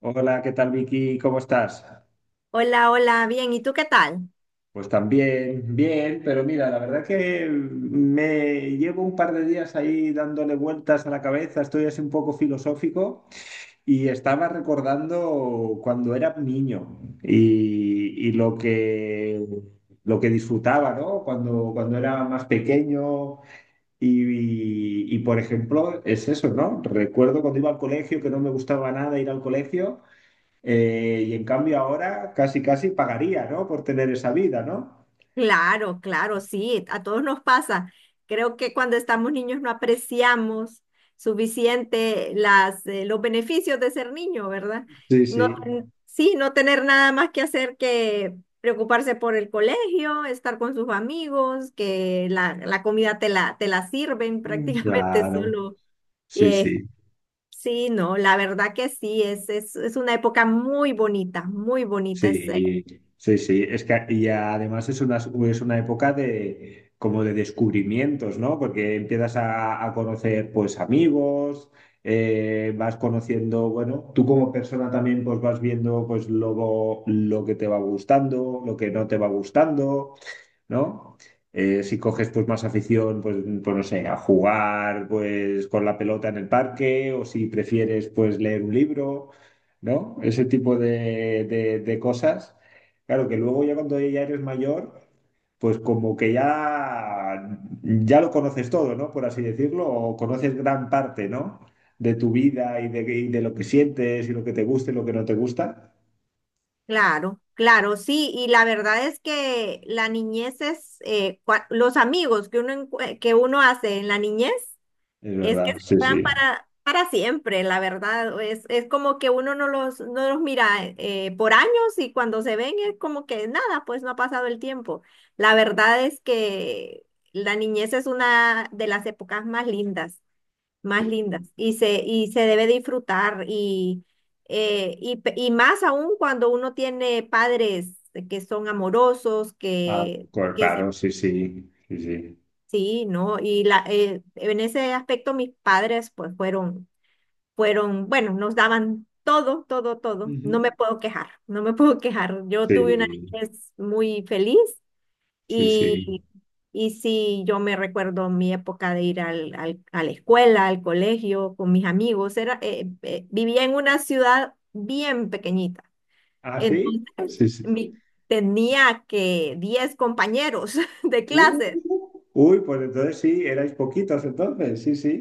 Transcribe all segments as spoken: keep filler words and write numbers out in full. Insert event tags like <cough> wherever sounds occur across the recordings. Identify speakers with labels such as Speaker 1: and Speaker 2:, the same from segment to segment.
Speaker 1: Hola, ¿qué tal, Vicky? ¿Cómo estás?
Speaker 2: Hola, hola, bien, ¿y tú qué tal?
Speaker 1: Pues también, bien, pero mira, la verdad que me llevo un par de días ahí dándole vueltas a la cabeza, estoy así un poco filosófico y estaba recordando cuando era niño y, y lo que, lo que disfrutaba, ¿no? Cuando, cuando era más pequeño y, y, por ejemplo, es eso, ¿no? Recuerdo cuando iba al colegio que no me gustaba nada ir al colegio. Eh, y en cambio ahora casi casi pagaría, ¿no? Por tener esa vida, ¿no?
Speaker 2: Claro, claro, sí, a todos nos pasa. Creo que cuando estamos niños no apreciamos suficiente las, eh, los beneficios de ser niño, ¿verdad?
Speaker 1: Sí,
Speaker 2: No,
Speaker 1: sí.
Speaker 2: ten- sí, no tener nada más que hacer que preocuparse por el colegio, estar con sus amigos, que la, la comida te la, te la sirven <laughs>
Speaker 1: Mm.
Speaker 2: prácticamente
Speaker 1: Claro,
Speaker 2: solo.
Speaker 1: sí,
Speaker 2: Eh,
Speaker 1: sí,
Speaker 2: sí, no, la verdad que sí, es, es, es una época muy bonita, muy bonita. Es.
Speaker 1: sí, sí, sí. Es que y además es una, es una época de como de descubrimientos, ¿no? Porque empiezas a, a conocer pues amigos, eh, vas conociendo, bueno, tú como persona también pues vas viendo pues lo, lo que te va gustando, lo que no te va gustando. ¿No? Eh, si coges pues más afición, pues, pues no sé, a jugar pues con la pelota en el parque o si prefieres pues leer un libro, ¿no? Ese tipo de, de- de cosas. Claro que luego ya cuando ya eres mayor, pues como que ya, ya lo conoces todo, ¿no? Por así decirlo, o conoces gran parte, ¿no? De tu vida y de, y de lo que sientes y lo que te gusta y lo que no te gusta.
Speaker 2: Claro, claro, sí, y la verdad es que la niñez es, eh, cua- los amigos que uno, encue- que uno hace en la niñez
Speaker 1: Es
Speaker 2: es que
Speaker 1: verdad,
Speaker 2: se
Speaker 1: sí,
Speaker 2: quedan
Speaker 1: sí.
Speaker 2: para, para siempre, la verdad, es, es como que uno no los, no los mira eh, por años, y cuando se ven es como que nada, pues no ha pasado el tiempo. La verdad es que la niñez es una de las épocas más lindas, más lindas, y se, y se debe disfrutar y, eh, y, pe- y más aún cuando uno tiene padres que son amorosos,
Speaker 1: Ah,
Speaker 2: que,
Speaker 1: pues,
Speaker 2: que s-
Speaker 1: claro, sí, sí, sí, sí.
Speaker 2: sí, ¿no? Y la, eh, en ese aspecto mis padres pues fueron, fueron, bueno, nos daban todo, todo, todo.
Speaker 1: Ujú.
Speaker 2: No me puedo quejar, no me puedo quejar. Yo tuve una
Speaker 1: Sí,
Speaker 2: niñez muy feliz,
Speaker 1: sí, sí.
Speaker 2: y, y sí, yo me recuerdo mi época de ir al, al- a la escuela, al colegio, con mis amigos. Era, eh, eh, vivía en una ciudad bien pequeñita.
Speaker 1: ¿Ah, sí?
Speaker 2: Entonces,
Speaker 1: Sí, sí.
Speaker 2: mi- tenía que diez compañeros <laughs> de
Speaker 1: Uh,
Speaker 2: clase.
Speaker 1: uy, pues entonces sí, erais poquitos entonces, sí, sí.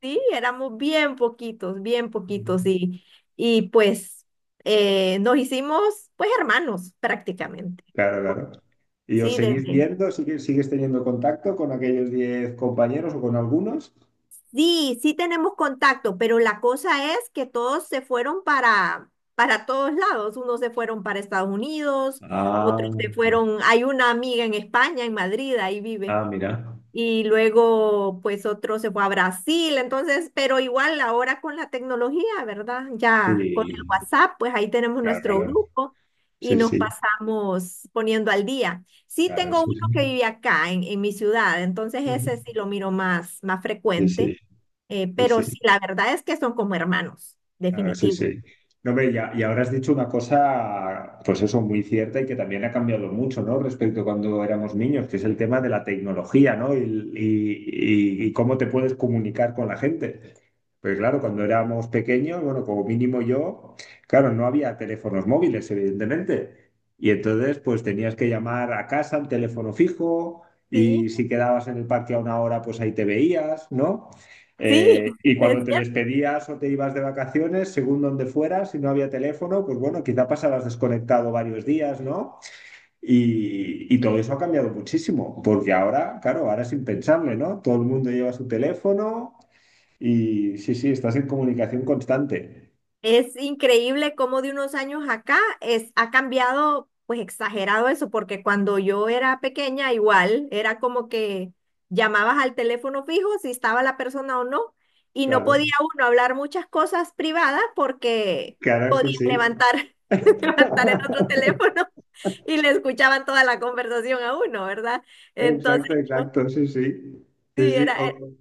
Speaker 2: Sí, éramos bien poquitos, bien poquitos. Y, y pues eh, nos hicimos pues hermanos prácticamente.
Speaker 1: Claro,
Speaker 2: Pues,
Speaker 1: claro. ¿Y os
Speaker 2: sí,
Speaker 1: seguís
Speaker 2: desde,
Speaker 1: viendo? ¿Sigues, sigues teniendo contacto con aquellos diez compañeros o con algunos?
Speaker 2: sí, sí tenemos contacto, pero la cosa es que todos se fueron para, para todos lados. Unos se fueron para Estados Unidos,
Speaker 1: Ah,
Speaker 2: otros se fueron, hay una amiga en España, en Madrid, ahí vive.
Speaker 1: ah, mira.
Speaker 2: Y luego, pues otro se fue a Brasil, entonces, pero igual ahora con la tecnología, ¿verdad? Ya con el
Speaker 1: Sí,
Speaker 2: WhatsApp, pues ahí tenemos
Speaker 1: claro,
Speaker 2: nuestro
Speaker 1: claro,
Speaker 2: grupo y
Speaker 1: sí,
Speaker 2: nos
Speaker 1: sí.
Speaker 2: pasamos poniendo al día. Sí
Speaker 1: Claro,
Speaker 2: tengo
Speaker 1: sí,
Speaker 2: uno que
Speaker 1: sí.
Speaker 2: vive acá en, en mi ciudad, entonces
Speaker 1: Ujú.
Speaker 2: ese sí lo miro más, más
Speaker 1: Sí, sí,
Speaker 2: frecuente. Eh,
Speaker 1: sí,
Speaker 2: pero
Speaker 1: sí.
Speaker 2: sí, la verdad es que son como hermanos,
Speaker 1: Claro, sí,
Speaker 2: definitivo.
Speaker 1: sí. No, hombre, y, a- y ahora has dicho una cosa, pues eso, muy cierta y que también ha cambiado mucho, ¿no? Respecto a cuando éramos niños, que es el tema de la tecnología, ¿no? Y, y- y- y cómo te puedes comunicar con la gente. Pues claro, cuando éramos pequeños, bueno, como mínimo yo, claro, no había teléfonos móviles, evidentemente. Y entonces, pues tenías que llamar a casa al teléfono fijo
Speaker 2: Sí.
Speaker 1: y si quedabas en el parque a una hora, pues ahí te veías, ¿no?
Speaker 2: Sí,
Speaker 1: Eh, y
Speaker 2: <laughs> es
Speaker 1: cuando te
Speaker 2: cierto.
Speaker 1: despedías o te ibas de vacaciones, según donde fueras, si no había teléfono, pues bueno, quizá pasabas desconectado varios días, ¿no? Y, y todo eso ha cambiado muchísimo, porque ahora, claro, ahora es impensable, ¿no? Todo el mundo lleva su teléfono y sí, sí, estás en comunicación constante.
Speaker 2: Es increíble cómo de unos años acá es, ha cambiado, pues exagerado eso, porque cuando yo era pequeña igual era como que llamabas al teléfono fijo si estaba la persona o no, y no
Speaker 1: Claro,
Speaker 2: podía uno hablar muchas cosas privadas porque
Speaker 1: claro, sí,
Speaker 2: podía
Speaker 1: sí.
Speaker 2: levantar, <laughs> levantar el otro
Speaker 1: <laughs>
Speaker 2: teléfono <laughs> y le escuchaban toda la conversación a uno, ¿verdad? Entonces,
Speaker 1: Exacto,
Speaker 2: no,
Speaker 1: exacto, sí, sí. Sí,
Speaker 2: sí,
Speaker 1: sí.
Speaker 2: era...
Speaker 1: O,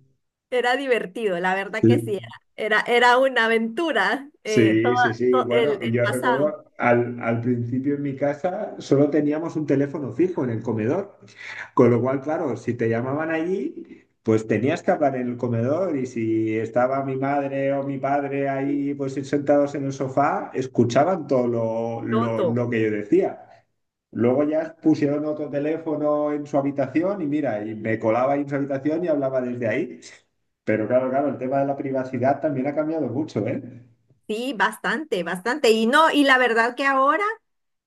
Speaker 2: Era divertido, la verdad que
Speaker 1: sí.
Speaker 2: sí, era, era, era una aventura, eh,
Speaker 1: Sí, sí, sí.
Speaker 2: todo,
Speaker 1: Bueno,
Speaker 2: el,
Speaker 1: y
Speaker 2: el
Speaker 1: yo
Speaker 2: pasado,
Speaker 1: recuerdo al, al principio en mi casa solo teníamos un teléfono fijo en el comedor, con lo cual, claro, si te llamaban allí, pues tenías que hablar en el comedor y si estaba mi madre o mi padre ahí, pues sentados en el sofá, escuchaban todo lo, lo,
Speaker 2: todo.
Speaker 1: lo que yo decía. Luego ya pusieron otro teléfono en su habitación y mira, y me colaba ahí en su habitación y hablaba desde ahí. Pero claro, claro, el tema de la privacidad también ha cambiado mucho, ¿eh?
Speaker 2: Sí, bastante, bastante. Y no, y la verdad que ahora,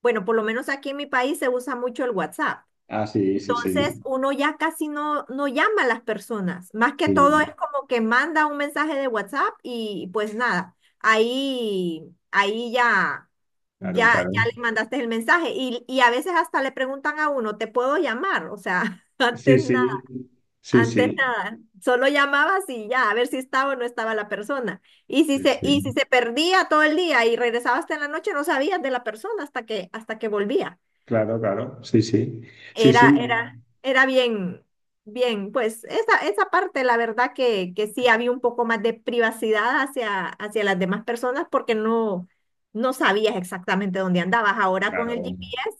Speaker 2: bueno, por lo menos aquí en mi país se usa mucho el WhatsApp.
Speaker 1: Ah, sí, sí,
Speaker 2: Entonces,
Speaker 1: sí.
Speaker 2: uno ya casi no, no llama a las personas. Más que todo es
Speaker 1: Sí,
Speaker 2: como que manda un mensaje de WhatsApp y pues nada, ahí, ahí ya,
Speaker 1: claro,
Speaker 2: ya,
Speaker 1: claro.
Speaker 2: ya le mandaste el mensaje. Y, y a veces hasta le preguntan a uno, ¿te puedo llamar? O sea, <laughs>
Speaker 1: Sí,
Speaker 2: antes nada.
Speaker 1: sí, sí,
Speaker 2: Antes
Speaker 1: sí,
Speaker 2: nada, solo llamabas y ya, a ver si estaba o no estaba la persona. Y si
Speaker 1: sí,
Speaker 2: se, y si
Speaker 1: sí.
Speaker 2: se perdía todo el día y regresabas hasta en la noche, no sabías de la persona hasta que, hasta que volvía.
Speaker 1: Claro, claro, sí, sí. Sí,
Speaker 2: Era,
Speaker 1: sí,
Speaker 2: era, era bien, bien, pues esa, esa parte, la verdad que, que sí había un poco más de privacidad hacia, hacia las demás personas porque no, no sabías exactamente dónde andabas. Ahora con el
Speaker 1: claro.
Speaker 2: G P S,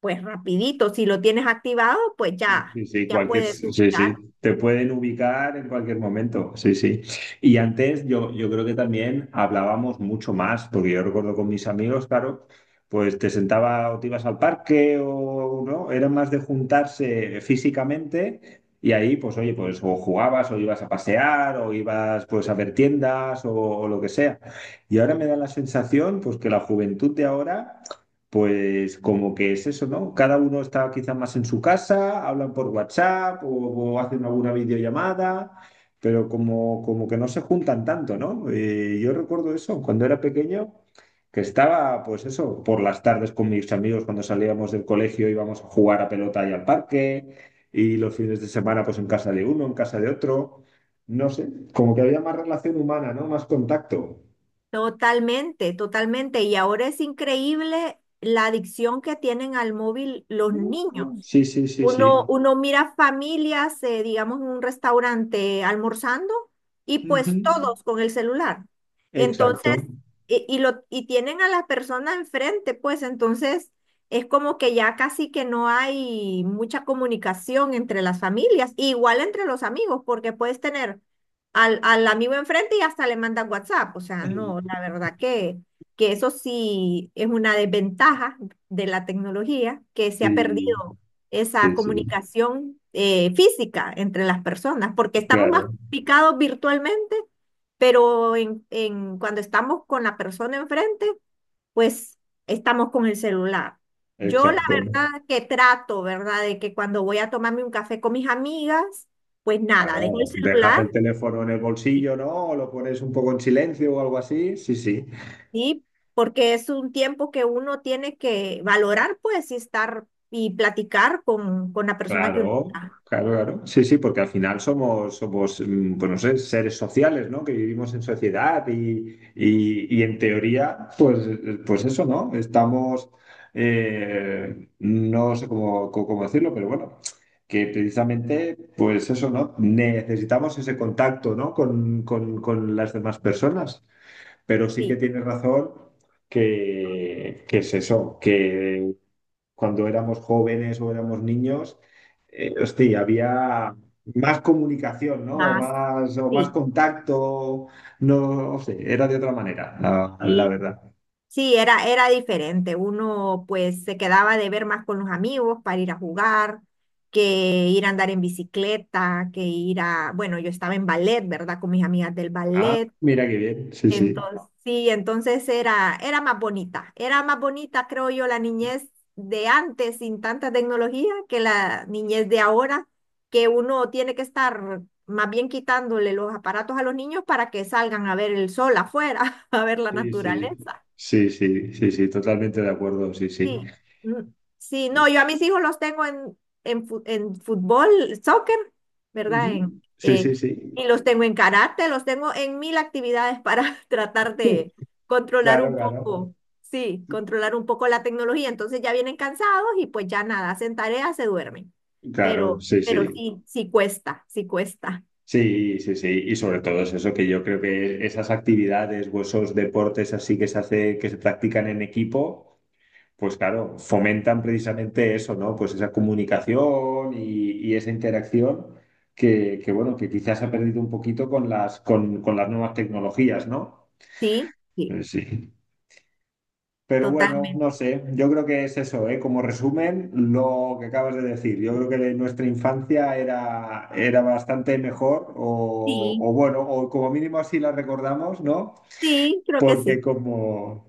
Speaker 2: pues rapidito, si lo tienes activado, pues ya,
Speaker 1: Sí, sí,
Speaker 2: ya
Speaker 1: cualquier,
Speaker 2: puedes
Speaker 1: sí,
Speaker 2: ubicar.
Speaker 1: sí, te pueden ubicar en cualquier momento, sí, sí. Y antes yo, yo creo que también hablábamos mucho más, porque yo recuerdo con mis amigos, claro, pues te sentaba o te ibas al parque o no, era más de juntarse físicamente y ahí, pues oye, pues o jugabas o ibas a pasear o ibas pues a ver tiendas o, o lo que sea. Y ahora me da la sensación, pues que la juventud de ahora pues como que es eso, ¿no? Cada uno está quizás más en su casa, hablan por WhatsApp o, o hacen alguna videollamada, pero como, como que no se juntan tanto, ¿no? Eh, yo recuerdo eso cuando era pequeño, que estaba, pues eso, por las tardes con mis amigos cuando salíamos del colegio íbamos a jugar a pelota y al parque, y los fines de semana pues en casa de uno, en casa de otro, no sé, como que había más relación humana, ¿no? Más contacto.
Speaker 2: Totalmente, totalmente. Y ahora es increíble la adicción que tienen al móvil los niños.
Speaker 1: Uh, sí, sí, sí,
Speaker 2: Uno,
Speaker 1: sí.
Speaker 2: uno mira familias, eh, digamos, en un restaurante almorzando, y
Speaker 1: Ujú.
Speaker 2: pues todos con el celular.
Speaker 1: Exacto.
Speaker 2: Entonces, y, y lo, y tienen a la persona enfrente, pues entonces es como que ya casi que no hay mucha comunicación entre las familias, igual entre los amigos, porque puedes tener al, al amigo enfrente y hasta le mandas WhatsApp. O sea, no, la verdad que, que eso sí es una desventaja de la tecnología, que se ha
Speaker 1: Sí,
Speaker 2: perdido esa
Speaker 1: sí, sí,
Speaker 2: comunicación, eh, física entre las personas, porque estamos más
Speaker 1: claro,
Speaker 2: picados virtualmente, pero en, en- cuando estamos con la persona enfrente, pues estamos con el celular. Yo la
Speaker 1: exacto.
Speaker 2: verdad que trato, ¿verdad? De que cuando voy a tomarme un café con mis amigas, pues nada, dejo el
Speaker 1: Claro, dejas
Speaker 2: celular,
Speaker 1: el teléfono en el
Speaker 2: y...
Speaker 1: bolsillo, ¿no? O lo pones un poco en silencio o algo así. Sí, sí.
Speaker 2: Porque es un tiempo que uno tiene que valorar, pues, y estar y platicar con, con la persona que uno
Speaker 1: Claro,
Speaker 2: está.
Speaker 1: claro, claro. Sí, sí, porque al final somos, somos, mm, pues no sé, seres sociales, ¿no? Que vivimos en sociedad y, y- y en teoría, pues, eh, pues eso, ¿no? Estamos, eh, no sé cómo, cómo- cómo decirlo, pero bueno, que precisamente, pues eso, ¿no? Necesitamos ese contacto, ¿no? Con, con- con las demás personas, pero sí que
Speaker 2: Sí,
Speaker 1: tienes razón que, que es eso, que cuando éramos jóvenes o éramos niños, eh, hostia, había más comunicación, ¿no? O
Speaker 2: más,
Speaker 1: más, o más
Speaker 2: sí.
Speaker 1: contacto, no, no sé, era de otra manera, la, la
Speaker 2: Sí.
Speaker 1: verdad.
Speaker 2: Sí, era, era diferente. Uno pues se quedaba de ver más con los amigos para ir a jugar, que ir a andar en bicicleta, que ir a, bueno, yo estaba en ballet, ¿verdad? Con mis amigas del
Speaker 1: Ah,
Speaker 2: ballet.
Speaker 1: mira qué bien, sí, sí,
Speaker 2: Entonces, sí, entonces era, era más bonita. Era más bonita, creo yo, la niñez de antes sin tanta tecnología que la niñez de ahora, que uno tiene que estar más bien quitándole los aparatos a los niños para que salgan a ver el sol afuera, <laughs> a ver la
Speaker 1: sí, sí,
Speaker 2: naturaleza.
Speaker 1: sí, sí, sí, sí, totalmente de acuerdo, sí,
Speaker 2: Sí,
Speaker 1: sí.
Speaker 2: mm, sí, no, yo a mis hijos los tengo en, en, fu- en fútbol, soccer, ¿verdad? En,
Speaker 1: Ujú. Sí,
Speaker 2: eh,
Speaker 1: sí, sí.
Speaker 2: y los tengo en karate, los tengo en mil actividades para <laughs> tratar
Speaker 1: Sí,
Speaker 2: de controlar
Speaker 1: claro,
Speaker 2: un
Speaker 1: claro.
Speaker 2: poco, sí, controlar un poco la tecnología. Entonces ya vienen cansados y pues ya nada, hacen tareas, se duermen.
Speaker 1: Claro,
Speaker 2: Pero,
Speaker 1: sí,
Speaker 2: pero
Speaker 1: sí.
Speaker 2: sí, sí cuesta, sí cuesta.
Speaker 1: Sí, sí, sí. Y sobre todo es eso, que yo creo que esas actividades o esos deportes así que se hace, que se practican en equipo, pues claro, fomentan precisamente eso, ¿no? Pues esa comunicación y, y esa interacción que, que, bueno, que quizás se ha perdido un poquito con las, con, con las nuevas tecnologías, ¿no?
Speaker 2: Sí,
Speaker 1: Eh,
Speaker 2: sí,
Speaker 1: sí. Pero bueno,
Speaker 2: totalmente.
Speaker 1: no sé, yo creo que es eso, ¿eh? Como resumen, lo que acabas de decir, yo creo que de nuestra infancia era, era bastante mejor o,
Speaker 2: Sí,
Speaker 1: o bueno, o como mínimo así la recordamos, ¿no?
Speaker 2: sí, creo que
Speaker 1: Porque
Speaker 2: sí.
Speaker 1: como...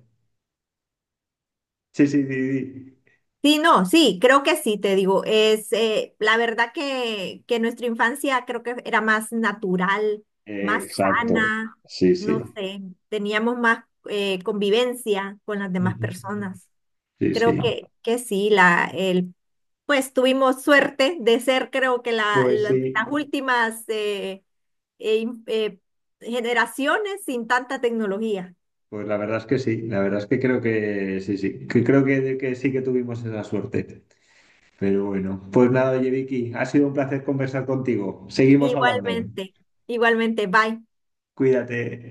Speaker 1: Sí, sí, sí, sí.
Speaker 2: Sí, no, sí, creo que sí, te digo. Es, eh, la verdad que, que nuestra infancia creo que era más natural, más
Speaker 1: Exacto,
Speaker 2: sana,
Speaker 1: sí,
Speaker 2: no
Speaker 1: sí.
Speaker 2: sé, teníamos más, eh, convivencia con las demás
Speaker 1: Ujú.
Speaker 2: personas.
Speaker 1: Sí,
Speaker 2: Creo
Speaker 1: sí.
Speaker 2: que, que sí, la, el, pues tuvimos suerte de ser, creo que la,
Speaker 1: Pues
Speaker 2: la- las
Speaker 1: sí,
Speaker 2: últimas, eh, eh, in- eh, generaciones sin tanta tecnología.
Speaker 1: pues la verdad es que sí, la verdad es que creo que sí, sí, que creo que, que sí que tuvimos esa suerte. Pero bueno, pues nada, oye, Vicky, ha sido un placer conversar contigo. Seguimos hablando.
Speaker 2: Igualmente, igualmente, bye.
Speaker 1: Cuídate.